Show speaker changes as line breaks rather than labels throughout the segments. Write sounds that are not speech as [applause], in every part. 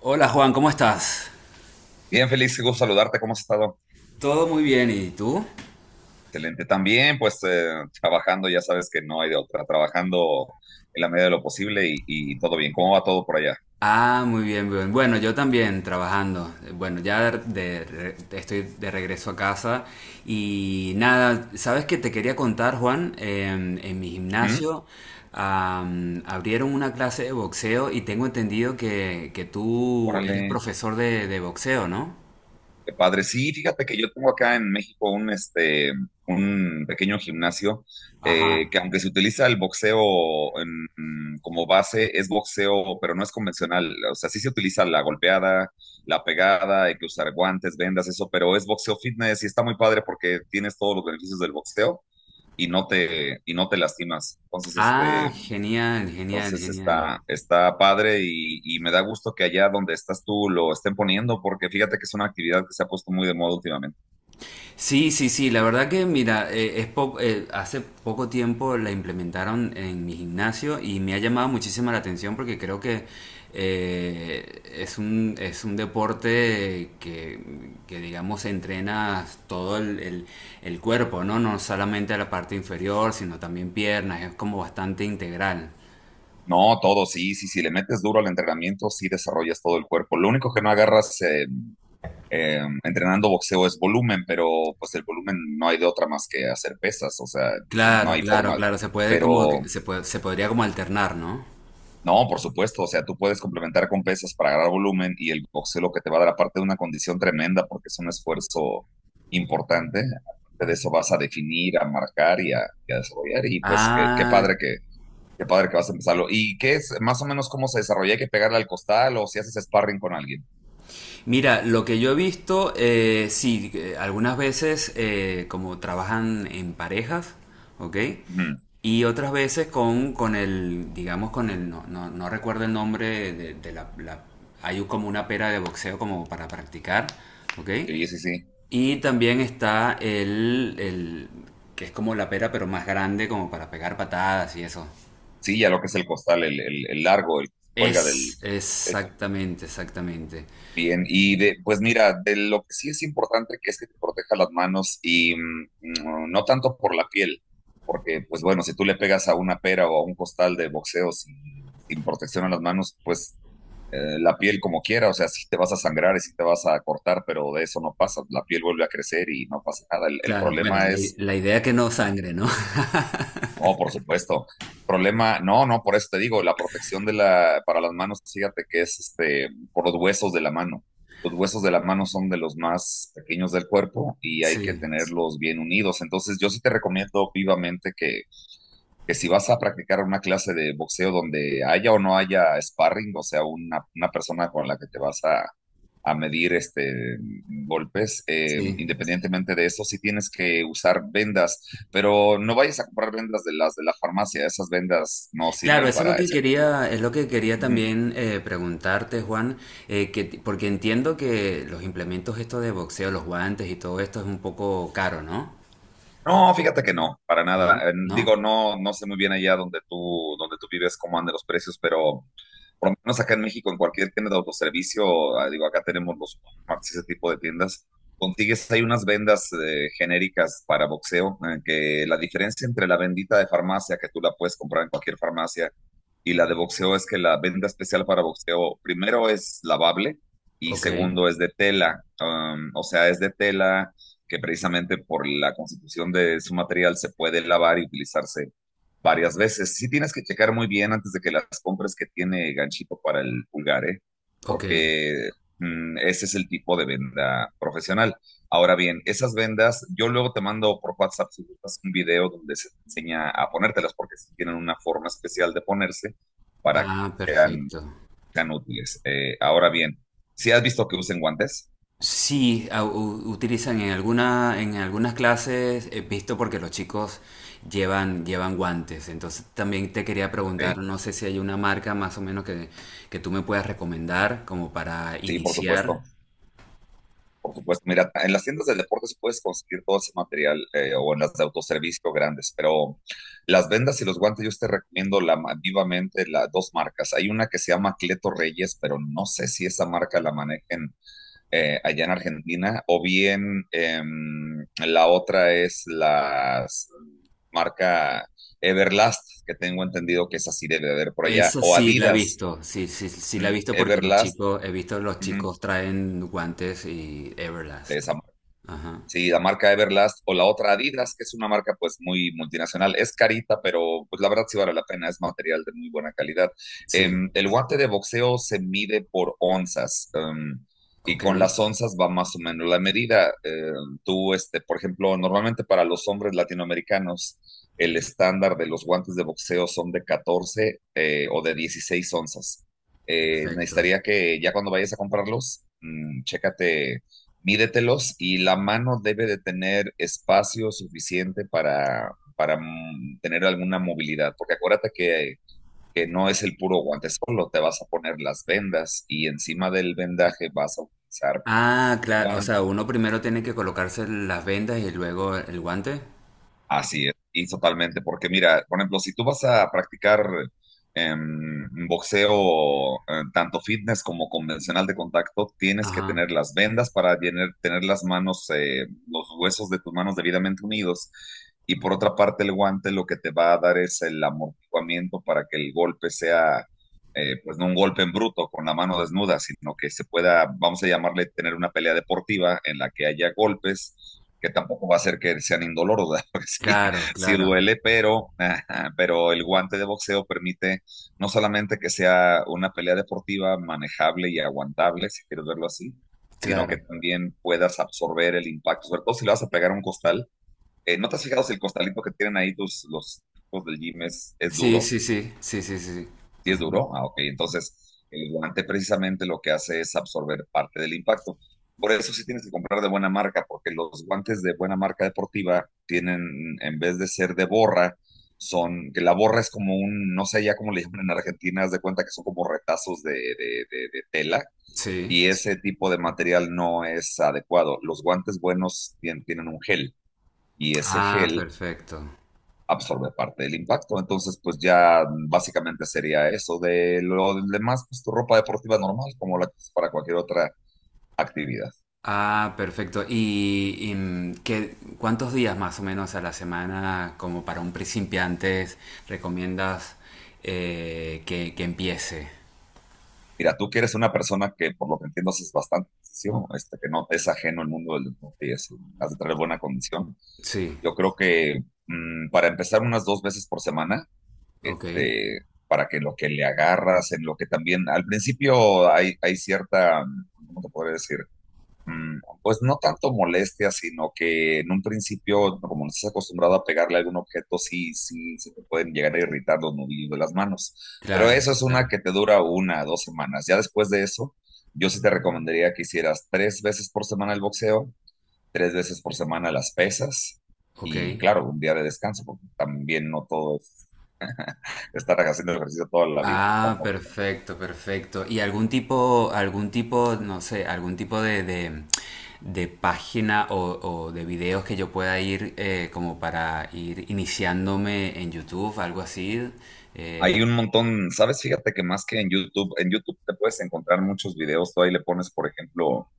Hola Juan, ¿cómo estás?
Bien, Félix, qué gusto saludarte. ¿Cómo has estado?
Todo muy bien, ¿y tú?
Excelente. También, pues, trabajando, ya sabes que no hay de otra. Trabajando en la medida de lo posible y todo bien. ¿Cómo va todo por allá?
Ah, muy bien, bien. Bueno, yo también trabajando. Bueno, estoy de regreso a casa y nada, ¿sabes qué te quería contar, Juan? En mi
¿Mm?
gimnasio abrieron una clase de boxeo y tengo entendido que tú eres
Órale.
profesor de boxeo, ¿no?
Qué padre. Sí, fíjate que yo tengo acá en México un pequeño gimnasio,
Ajá.
que aunque se utiliza el boxeo en- como base, es boxeo, pero no es convencional. O sea, sí se utiliza la golpeada, la pegada, hay que usar guantes, vendas, eso, pero es boxeo fitness y está muy padre porque tienes todos los beneficios del boxeo y no te lastimas. Entonces, este,
Ah, genial, genial,
entonces
genial.
está padre y me da gusto que allá donde estás tú lo estén poniendo, porque fíjate que es una actividad que se ha puesto muy de moda últimamente.
Sí, sí, sí, la verdad que mira, hace poco tiempo la implementaron en mi gimnasio y me ha llamado muchísimo la atención porque creo que es un deporte que digamos entrena el cuerpo, ¿no? No solamente la parte inferior, sino también piernas, es como bastante integral.
No, todo, sí, sí, si le metes duro al entrenamiento, sí desarrollas todo el cuerpo. Lo único que no agarras entrenando boxeo es volumen, pero pues el volumen no hay de otra más que hacer pesas, o sea, no
Claro,
hay
claro,
forma,
claro, se puede
pero
se podría como alternar, ¿no?
no, por supuesto. O sea, tú puedes complementar con pesas para agarrar volumen y el boxeo lo que te va a dar, aparte de una condición tremenda porque es un esfuerzo importante, aparte de eso vas a definir, a marcar y a desarrollar. Y pues qué, qué
Ah,
padre que, qué padre que vas a empezarlo. ¿Y qué es más o menos cómo se desarrolla? ¿Hay que pegarle al costal o si haces sparring con alguien?
mira, lo que yo he visto, sí, que algunas veces como trabajan en parejas, ¿ok?
Ujú.
Y otras veces digamos, con el, no, no, no recuerdo el nombre de la hay como una pera de boxeo como para practicar, ¿ok?
Sí, sí, sí.
Y también que es como la pera pero más grande como para pegar patadas y eso.
Sí, ya lo que es el costal, el largo, el que se cuelga del
Es,
del techo.
exactamente, exactamente.
Bien, y de, pues mira, de lo que sí es importante que es que te proteja las manos, y no tanto por la piel, porque pues bueno, si tú le pegas a una pera o a un costal de boxeo sin protección a las manos, pues la piel como quiera, o sea, sí te vas a sangrar y sí te vas a cortar, pero de eso no pasa, la piel vuelve a crecer y no pasa nada. El
Claro, bueno,
problema es
la idea es que no sangre, ¿no? [laughs]
no, por supuesto. Problema, no, no, por eso te digo, la protección de la, para las manos, fíjate que es este, por los huesos de la mano. Los huesos de la mano son de los más pequeños del cuerpo y hay que
Sí.
tenerlos bien unidos. Entonces, yo sí te recomiendo vivamente que si vas a practicar una clase de boxeo donde haya o no haya sparring, o sea, una persona con la que te vas a medir golpes,
Sí,
independientemente de eso, sí tienes que usar vendas, pero no vayas a comprar vendas de las de la farmacia, esas vendas no
claro,
sirven
eso es lo
para
que
esa.
quería, es lo que quería también preguntarte, Juan, porque entiendo que los implementos estos de boxeo, los guantes y todo esto es un poco caro, ¿no?
No, fíjate que no, para
Bueno,
nada. Digo,
¿no?
no, no sé muy bien allá donde tú vives cómo andan los precios, pero por lo menos acá en México, en cualquier tienda de autoservicio, ah, digo, acá tenemos los Walmarts y ese tipo de tiendas, consigues, hay unas vendas genéricas para boxeo, que la diferencia entre la vendita de farmacia, que tú la puedes comprar en cualquier farmacia, y la de boxeo es que la venda especial para boxeo, primero es lavable y
Ok,
segundo es de tela. O sea, es de tela que precisamente por la constitución de su material se puede lavar y utilizarse varias veces. Sí tienes que checar muy bien antes de que las compres que tiene ganchito para el pulgar, ¿eh?
ok.
Porque ese es el tipo de venda profesional. Ahora bien, esas vendas, yo luego te mando por WhatsApp, si gustas, un video donde se te enseña a ponértelas, porque sí tienen una forma especial de ponerse para que
Ah,
sean,
perfecto.
sean útiles. Ahora bien, si has visto que usen guantes,
Sí, utilizan en alguna, en algunas clases, he visto porque los chicos llevan, llevan guantes. Entonces también te quería preguntar,
ok,
no sé si hay una marca más o menos que tú me puedas recomendar como para
sí, por
iniciar.
supuesto. Por supuesto, mira, en las tiendas de deportes puedes conseguir todo ese material, o en las de autoservicio grandes, pero las vendas y los guantes yo te recomiendo la, vivamente las dos marcas. Hay una que se llama Cleto Reyes, pero no sé si esa marca la manejen allá en Argentina, o bien la otra es la marca Everlast, que tengo entendido que esa sí debe de haber por allá,
Eso
o
sí la he
Adidas.
visto, sí, sí, sí la he visto porque los
Everlast,
chicos, he visto los
ujú,
chicos traen guantes y
de
Everlast.
esa.
Ajá.
Sí, la marca Everlast o la otra Adidas, que es una marca pues muy multinacional. Es carita, pero pues la verdad sí vale la pena, es material de muy buena calidad.
Sí,
El guante de boxeo se mide por onzas, y
ok,
con las onzas va más o menos la medida. Tú, este, por ejemplo, normalmente para los hombres latinoamericanos el estándar de los guantes de boxeo son de 14, o de 16 onzas.
perfecto.
Necesitaría que ya cuando vayas a comprarlos, chécate, mídetelos, y la mano debe de tener espacio suficiente para, para tener alguna movilidad, porque acuérdate que no es el puro guante solo, te vas a poner las vendas y encima del vendaje vas a utilizar
Ah,
el
claro, o sea,
guante.
uno primero tiene que colocarse las vendas y luego el guante.
Así es, y totalmente, porque mira, por ejemplo, si tú vas a practicar boxeo, tanto fitness como convencional de contacto, tienes que
Ajá.
tener las vendas para tener las manos, los huesos de tus manos debidamente unidos. Y por otra parte, el guante lo que te va a dar es el amortiguamiento para que el golpe sea, pues no un golpe en bruto con la mano desnuda, sino que se pueda, vamos a llamarle, tener una pelea deportiva en la que haya golpes que tampoco va a ser que sean indoloros, ¿verdad? [laughs] Porque sí,
Claro,
sí
claro,
duele, pero, ajá, pero el guante de boxeo permite no solamente que sea una pelea deportiva manejable y aguantable, si quieres verlo así, sino que
claro.
también puedas absorber el impacto, sobre todo si le vas a pegar a un costal. ¿No te has fijado si el costalito que tienen ahí tus, los tipos del gym es
Sí,
duro?
sí, sí, sí, sí, sí, sí.
¿Sí es
Ujú.
duro? Ah, ok. Entonces, el guante precisamente lo que hace es absorber parte del impacto. Por eso sí tienes que comprar de buena marca, porque los guantes de buena marca deportiva tienen, en vez de ser de borra, son, que la borra es como un, no sé ya cómo le llaman en Argentina, haz de cuenta que son como retazos de tela,
Sí.
y ese tipo de material no es adecuado. Los guantes buenos tienen un gel, y ese
Ah,
gel
perfecto.
absorbe parte del impacto. Entonces, pues ya básicamente sería eso. De lo demás, pues tu ropa deportiva normal, como la que es para cualquier otra actividad.
Ah, perfecto. Y, mm, qué, cuántos días más o menos a la semana, como para un principiante, recomiendas que empiece?
Mira, tú que eres una persona que, por lo que entiendo, es bastante ejercicio, este, que no es ajeno al mundo del deporte y eso, has de tener buena condición.
Sí,
Yo creo que para empezar unas 2 veces por semana,
ok.
este, para que lo que le agarras, en lo que también, al principio hay cierta, ¿cómo te podría decir? Pues no tanto molestia, sino que en un principio, como no estás acostumbrado a pegarle a algún objeto, sí, sí, se te pueden llegar a irritar los nudillos de las manos. Pero
Claro,
eso es una
claro.
que te dura una, dos semanas. Ya después de eso, yo sí te recomendaría que hicieras 3 veces por semana el boxeo, 3 veces por semana las pesas
Ok.
y, claro, un día de descanso, porque también no todo es [laughs] estar haciendo ejercicio toda la vida,
Ah,
tampoco, ¿no?
perfecto, perfecto. ¿Y algún tipo, no sé, algún tipo de página o de videos que yo pueda ir como para ir iniciándome en YouTube, algo así?
Hay
Eh,
un montón, ¿sabes? Fíjate que más que en YouTube te puedes encontrar muchos videos. Tú ahí le pones, por ejemplo,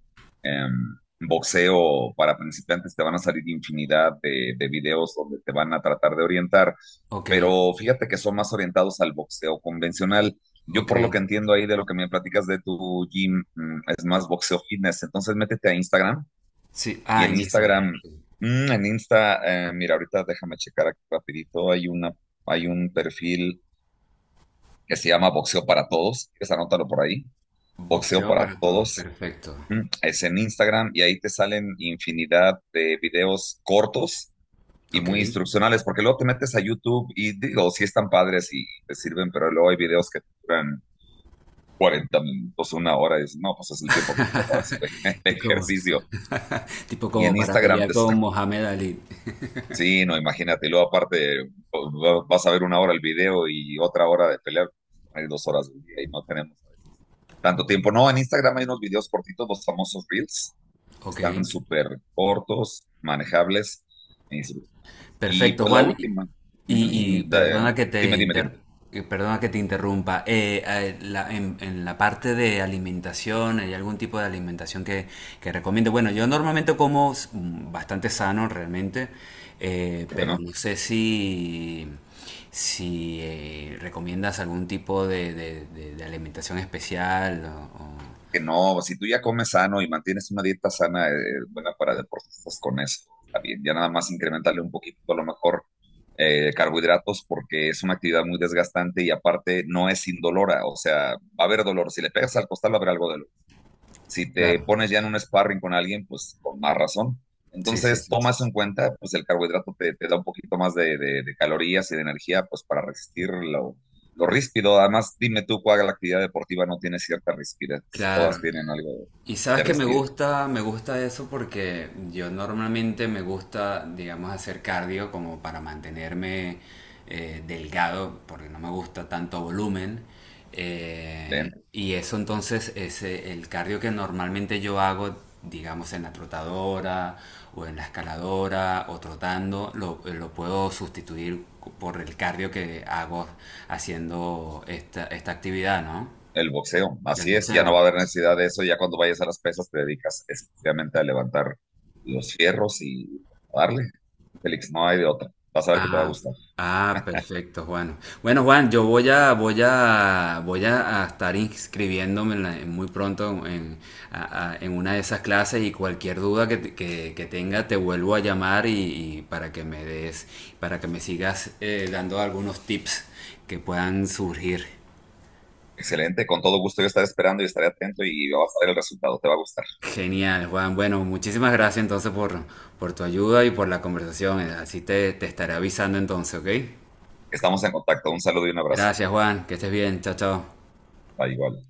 em, boxeo para principiantes, te van a salir infinidad de videos donde te van a tratar de orientar.
ok,
Pero fíjate que son más orientados al boxeo convencional. Yo,
ok.
por lo que entiendo ahí de lo que me platicas de tu gym, es más boxeo fitness. Entonces, métete a Instagram
Sí,
y
ah,
en
inicia.
Instagram, mira, ahorita déjame checar aquí rapidito. Hay un perfil que se llama Boxeo para Todos. ¿Quieres anótalo por ahí? Boxeo
Boxeo
para
para Todos,
Todos.
perfecto.
Es en Instagram y ahí te salen infinidad de videos cortos y
Ok.
muy instruccionales, porque luego te metes a YouTube y digo, sí están padres y te sirven, pero luego hay videos que duran 40 minutos, una hora, y dices, no, pues es el tiempo que tengo para hacer [laughs] el
Como,
ejercicio.
tipo
Y
como
en
para
Instagram
pelear
te,
con Mohamed Ali.
sí, no, imagínatelo, aparte vas a ver 1 hora el video y otra hora de pelear, hay 2 horas del día y no tenemos a veces tanto tiempo. No, en Instagram hay unos videos cortitos, los famosos Reels,
Ok.
están súper cortos, manejables e instruccionales. Y
Perfecto,
pues la
Juan.
última, ujú,
Y, y perdona que te
dime, dime, dime,
inter- perdona que te interrumpa. En la parte de alimentación, ¿hay algún tipo de alimentación que recomiende? Bueno, yo normalmente como bastante sano realmente,
porque
pero
no.
no sé si, si recomiendas algún tipo de alimentación especial
Que no, si tú ya comes sano y mantienes una dieta sana, buena para deportistas, con eso está bien. Ya nada más incrementarle un poquito, a lo mejor, carbohidratos, porque es una actividad muy desgastante y aparte no es indolora, o sea, va a haber dolor. Si le pegas al costal, va a haber algo de, si te
Claro,
pones ya en un sparring con alguien, pues con más razón.
sí, sí,
Entonces,
sí.
toma eso en cuenta, pues el carbohidrato te, te da un poquito más de- de- calorías y de energía, pues para resistir lo ríspido. Además, dime tú cuál actividad deportiva no tiene cierta rispidez.
Claro.
Todas tienen algo
Y sabes
de
que
rispidez
me gusta eso porque yo normalmente me gusta, digamos, hacer cardio como para mantenerme delgado, porque no me gusta tanto volumen.
dentro.
Y eso entonces es el cardio que normalmente yo hago, digamos, en la trotadora o en la escaladora o trotando, lo puedo sustituir por el cardio que hago haciendo esta, esta actividad, ¿no?
El boxeo,
Del
así es, ya no
boxeo.
va a haber necesidad de eso. Ya cuando vayas a las pesas, te dedicas exclusivamente a levantar los fierros y pues, a darle. Félix, no hay de otra. Vas a ver que te va a
Ah,
gustar.
ah, perfecto, Juan. Bueno, Juan, yo voy a, voy a, voy a estar inscribiéndome en muy pronto en, en una de esas clases y cualquier duda que tenga te vuelvo a llamar y para que me des, para que me sigas dando algunos tips que puedan surgir.
Excelente, con todo gusto yo estaré esperando y estaré atento y vas a ver el resultado, te va a gustar.
Genial, Juan. Bueno, muchísimas gracias entonces por tu ayuda y por la conversación. Así te, te estaré avisando entonces, ¿ok?
Estamos en contacto, un saludo y un abrazo.
Gracias, Juan. Que estés bien. Chao, chao.
Ah, igual.